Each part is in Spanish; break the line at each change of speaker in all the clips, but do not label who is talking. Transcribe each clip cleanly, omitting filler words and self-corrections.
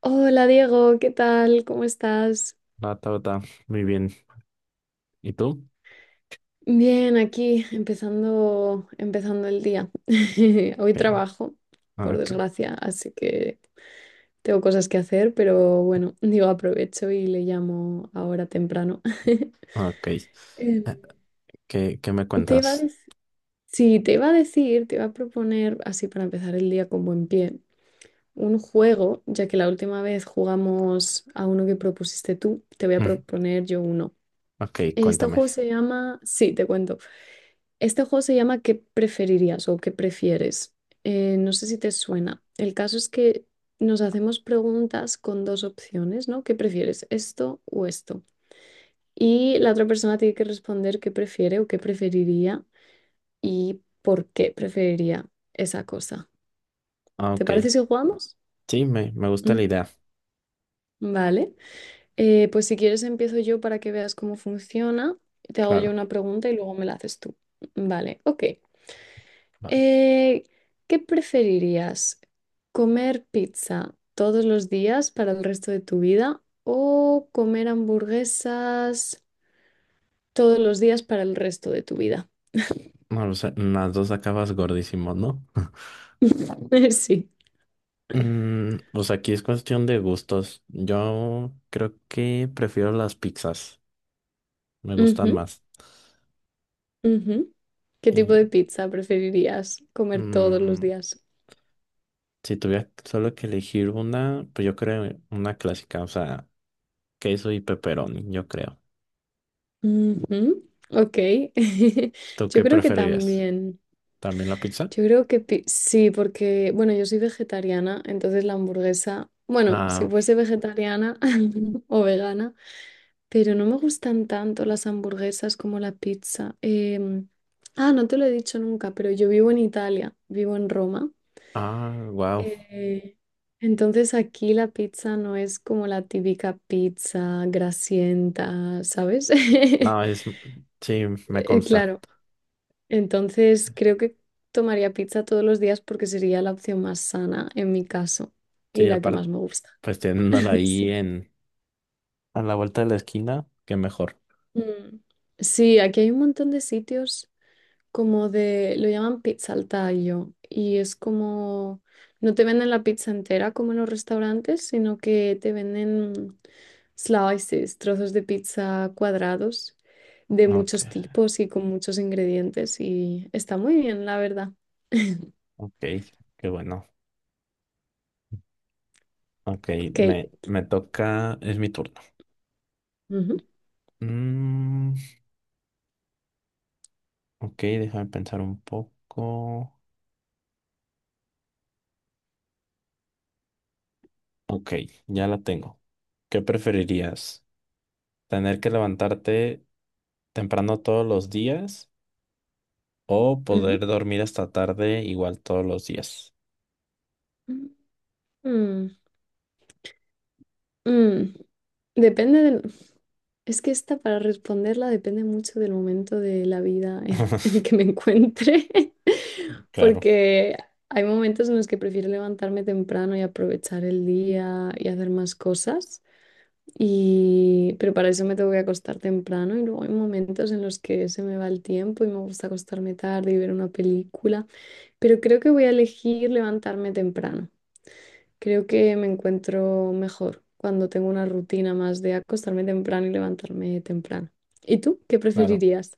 Hola Diego, ¿qué tal? ¿Cómo estás?
Nata, nata. Muy bien. ¿Y tú?
Bien, aquí empezando el día. Hoy
Ok.
trabajo,
Ah,
por
ok.
desgracia, así que tengo cosas que hacer, pero bueno, digo, aprovecho y le llamo ahora temprano.
Ah, ok.
Em,
¿Qué me
Te iba a
cuentas?
dec- sí, te iba a decir, te iba a proponer, así para empezar el día con buen pie, un juego, ya que la última vez jugamos a uno que propusiste tú, te voy a
Mm.
proponer yo uno.
Ok,
Este
cuéntame.
juego se llama, sí, te cuento. Este juego se llama, ¿qué preferirías o qué prefieres? No sé si te suena. El caso es que nos hacemos preguntas con dos opciones, ¿no? ¿Qué prefieres, esto o esto? Y la otra persona tiene que responder qué prefiere o qué preferiría y por qué preferiría esa cosa.
Ah,
¿Te
ok.
parece si jugamos?
Sí, me gusta la
Ujú.
idea,
Vale. Pues si quieres empiezo yo para que veas cómo funciona. Te hago yo
claro.
una pregunta y luego me la haces tú. Vale, ok.
Ah.
Eh, ¿Qué preferirías? ¿Comer pizza todos los días para el resto de tu vida o comer hamburguesas todos los días para el resto de tu vida?
No, lo sé, las dos acabas gordísimo, ¿no?
Sí.
Pues aquí es cuestión de gustos. Yo creo que prefiero las pizzas, me gustan
Ujú,
más.
ujú. ¿Qué tipo de
Y
pizza preferirías comer todos los
mm,
días?
si tuviera solo que elegir una, pues yo creo una clásica, o sea, queso y pepperoni, yo creo.
Ujú, ok.
¿Tú
Yo
qué
creo que
preferirías?
también.
¿También la pizza?
Yo creo que pi- sí, porque, bueno, yo soy vegetariana, entonces la hamburguesa, bueno,
Ah,
si fuese vegetariana o vegana, pero no me gustan tanto las hamburguesas como la pizza. Em, ah, no te lo he dicho nunca, pero yo vivo en Italia, vivo en Roma.
ah, wow.
eh, entonces aquí la pizza no es como la típica pizza grasienta, ¿sabes?
No, sí, me consta.
Claro. Entonces, creo que tomaría pizza todos los días porque sería la opción más sana en mi caso y
Sí,
la que más
aparte,
me gusta.
pues teniéndola ahí
Sí.
a la vuelta de la esquina, qué mejor.
Mm. Sí, aquí hay un montón de sitios como de, lo llaman pizza al tallo y es como, no te venden la pizza entera como en los restaurantes, sino que te venden slices, trozos de pizza cuadrados de
Ok,
muchos tipos y con muchos ingredientes y está muy bien, la verdad.
ok, qué bueno. Ok,
Ok.
me toca, es mi turno.
Ujú,
Mm, ok, déjame pensar un poco. Ok, ya la tengo. ¿Qué preferirías? ¿Tener que levantarte temprano todos los días o poder dormir hasta tarde igual todos los días?
ujú. Mm, mm. Depende del... Es que esta para responderla depende mucho del momento de la vida en, en el que me encuentre,
Claro,
porque hay momentos en los que prefiero levantarme temprano y aprovechar el día y hacer más cosas, pero para eso me tengo que acostar temprano y luego hay momentos en los que se me va el tiempo y me gusta acostarme tarde y ver una película, pero creo que voy a elegir levantarme temprano. Creo que me encuentro mejor cuando tengo una rutina más de acostarme temprano y levantarme temprano. ¿Y tú qué
claro.
preferirías?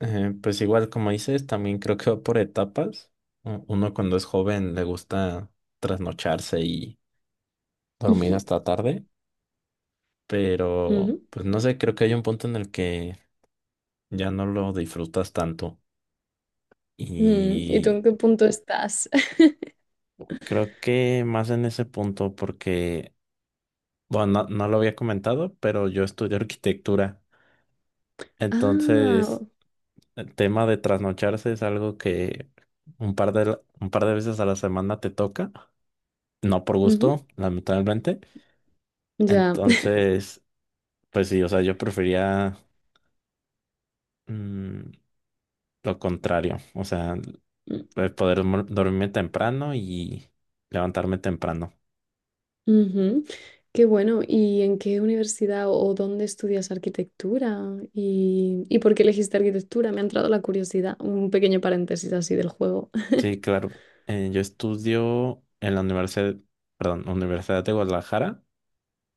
Pues igual como dices, también creo que va por etapas. Uno cuando es joven le gusta trasnocharse y dormir
Ujú.
hasta tarde, pero pues no sé, creo que hay un punto en el que ya no lo disfrutas tanto.
Mm, ¿Y tú
Y
en qué punto estás?
creo que más en ese punto porque, bueno, no lo había comentado, pero yo estudio arquitectura.
Ah,
Entonces, el tema de trasnocharse es algo que un par de veces a la semana te toca. No por
ujú,
gusto, lamentablemente.
ya.
Entonces, pues sí, o sea, yo prefería mm, lo contrario, o sea,
Mm,
el poder dormirme temprano y levantarme temprano.
ujú. Qué bueno. ¿Y en qué universidad o dónde estudias arquitectura? ¿Y por qué elegiste arquitectura? Me ha entrado la curiosidad. Un pequeño paréntesis así del juego.
Sí, claro, yo estudio en la universidad, perdón, Universidad de Guadalajara,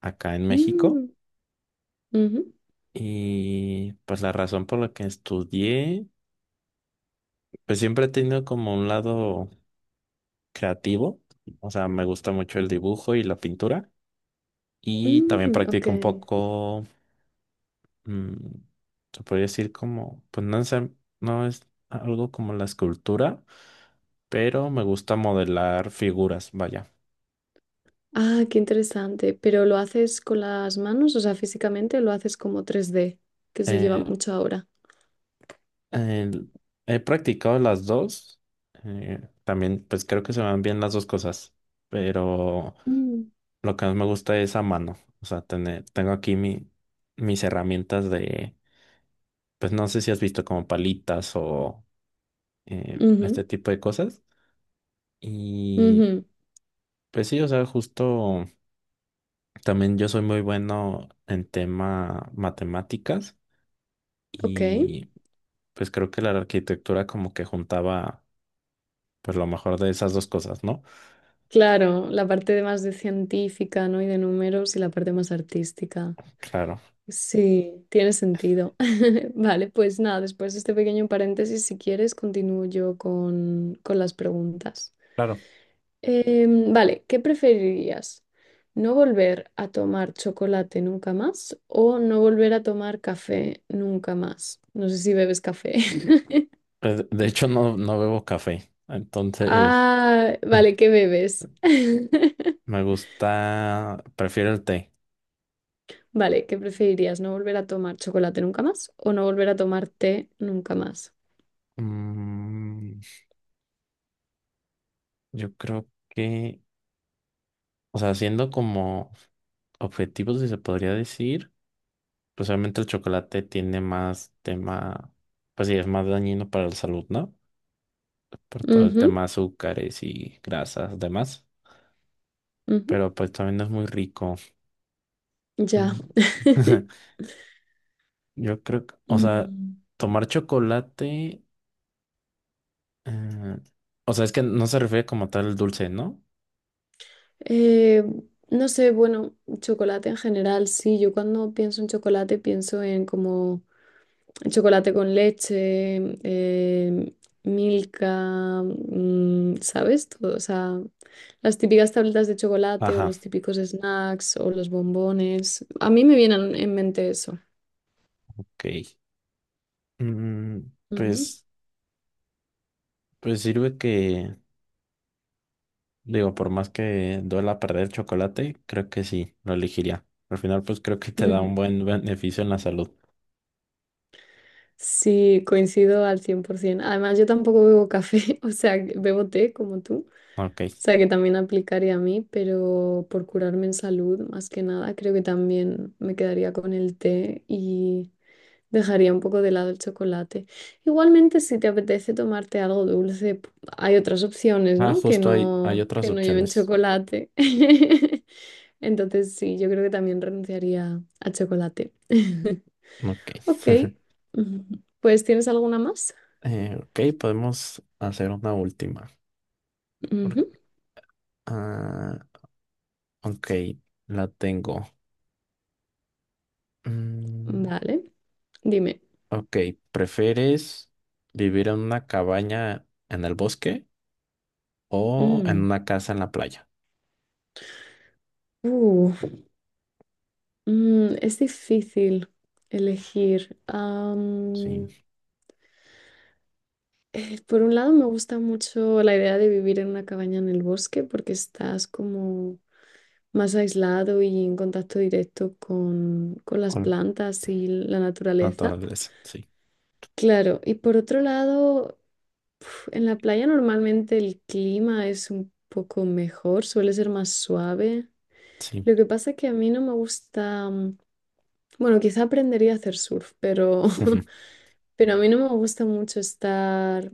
acá en México,
Mm, ujú,
y pues la razón por la que estudié, pues siempre he tenido como un lado creativo, o sea, me gusta mucho el dibujo y la pintura. Y también
mm, ok.
practico un poco, mm, se podría decir como, pues no es algo como la escultura, pero me gusta modelar figuras, vaya.
Ah, qué interesante. ¿Pero lo haces con las manos? O sea, físicamente o lo haces como 3D que se lleva
Eh,
mucho ahora.
el- he practicado las dos, también pues creo que se me van bien las dos cosas, pero
Mm.
lo que más me gusta es a mano, o sea, tengo aquí mis herramientas de, pues no sé si has visto como palitas o
Ujú,
este tipo de cosas. Y
ujú.
pues sí, o sea, justo también yo soy muy bueno en tema matemáticas
Ok.
y pues creo que la arquitectura como que juntaba pues lo mejor de esas dos cosas, ¿no?
Claro, la parte de más de científica, ¿no? Y de números y la parte más artística.
Claro,
Sí, tiene sentido. Vale, pues nada, después de este pequeño paréntesis, si quieres, continúo yo con, las preguntas.
claro.
Vale, ¿qué preferirías? ¿No volver a tomar chocolate nunca más o no volver a tomar café nunca más? No sé si bebes café.
Pues, de hecho no, no bebo café, entonces
Ah, vale, ¿qué bebes?
prefiero el té.
Vale, ¿qué preferirías? ¿No volver a tomar chocolate nunca más o no volver a tomar té nunca más?
Mm, yo creo que, o sea, siendo como objetivos, si se podría decir. Pues obviamente el chocolate tiene más tema, pues sí, es más dañino para la salud, ¿no? Por todo el tema
Ujú,
de azúcares y grasas, demás.
ujú,
Pero pues también es muy rico.
ya.
Mm. Yo creo que, o sea,
Mm.
tomar chocolate, eh, o sea, es que no se refiere como tal el dulce, ¿no?
Eh, no sé, bueno, chocolate en general, sí, yo cuando pienso en chocolate pienso en como chocolate con leche, Milka, ¿sabes? Todo, o sea, las típicas tabletas de chocolate o
Ajá,
los típicos snacks o los bombones. A mí me vienen en mente eso.
ok. Mm,
Ujú,
pues, pues sirve que, digo, por más que duela perder chocolate, creo que sí, lo elegiría. Al final, pues creo que te da un
ujú.
buen beneficio en la salud.
Sí, coincido al 100%. Además, yo tampoco bebo café, o sea, bebo té como tú.
Ok.
Sea que también aplicaría a mí, pero por curarme en salud, más que nada, creo que también me quedaría con el té y dejaría un poco de lado el chocolate. Igualmente, si te apetece tomarte algo dulce, hay otras opciones,
Ah,
¿no? Que
justo hay
no,
otras
que no lleven
opciones.
chocolate. Entonces, sí, yo creo que también renunciaría al chocolate.
Ok.
Ok, ujú. Pues, ¿tienes alguna más?
Ok, podemos hacer una última. Por-
Ujú.
Ah, ok, la tengo. Mm,
Vale, dime.
ok, ¿prefieres vivir en una cabaña en el bosque o en
Mm.
una casa en la playa?
Uh. Mm, es difícil elegir.
Sí,
Por un lado, me gusta mucho la idea de vivir en una cabaña en el bosque porque estás como más aislado y en contacto directo con, las
con
plantas y la naturaleza.
naturaleza, sí,
Claro, y por otro lado, en la playa normalmente el clima es un poco mejor, suele ser más suave.
sí.
Lo que pasa es que a mí no me gusta, bueno, quizá aprendería a hacer surf, pero Pero a mí no me gusta mucho estar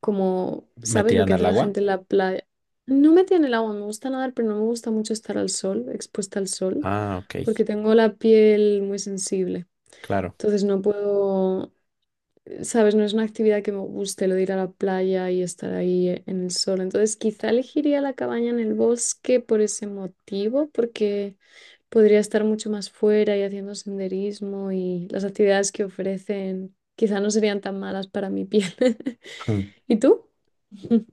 como, ¿sabes
¿Metida
lo
en
que
el
hace la
agua?
gente en la playa? No metida en el agua, me gusta nadar, pero no me gusta mucho estar al sol, expuesta al sol,
Ah, ok,
porque tengo la piel muy sensible.
claro.
Entonces no puedo, sabes, no es una actividad que me guste, lo de ir a la playa y estar ahí en el sol. Entonces, quizá elegiría la cabaña en el bosque por ese motivo, porque podría estar mucho más fuera y haciendo senderismo y las actividades que ofrecen quizá no serían tan malas para mi piel. ¿Y tú?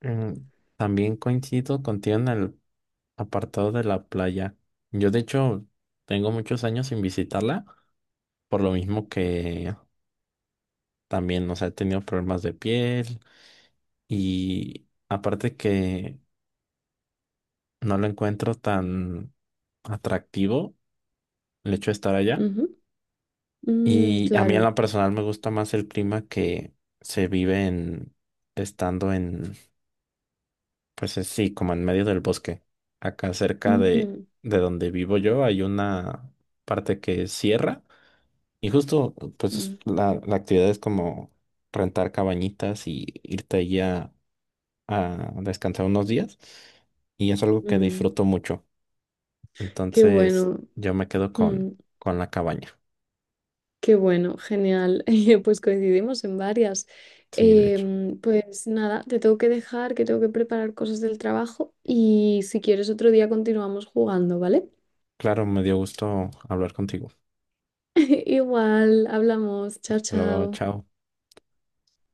Mm, También coincido contigo en el apartado de la playa. Yo de hecho tengo muchos años sin visitarla, por lo mismo que también, o sea, he tenido problemas de piel y aparte que no lo encuentro tan atractivo el hecho de estar allá.
Ujú. Mm,
Y a mí en
claro.
la personal me gusta más el clima que se vive en estando en, pues sí, como en medio del bosque. Acá cerca de,
Ujú.
de donde vivo yo hay una parte que es sierra. Y justo, pues
Mm,
la actividad es como rentar cabañitas y irte allí a descansar unos días. Y es algo que
mm.
disfruto mucho.
Qué
Entonces,
bueno.
yo me quedo con,
Mm.
con la cabaña.
Qué bueno, genial. Pues coincidimos en varias.
Sí, de hecho.
Pues nada, te tengo que dejar, que tengo que preparar cosas del trabajo y si quieres otro día continuamos jugando, ¿vale?
Claro, me dio gusto hablar contigo.
Igual, hablamos. Chao,
Hasta luego,
chao.
chao.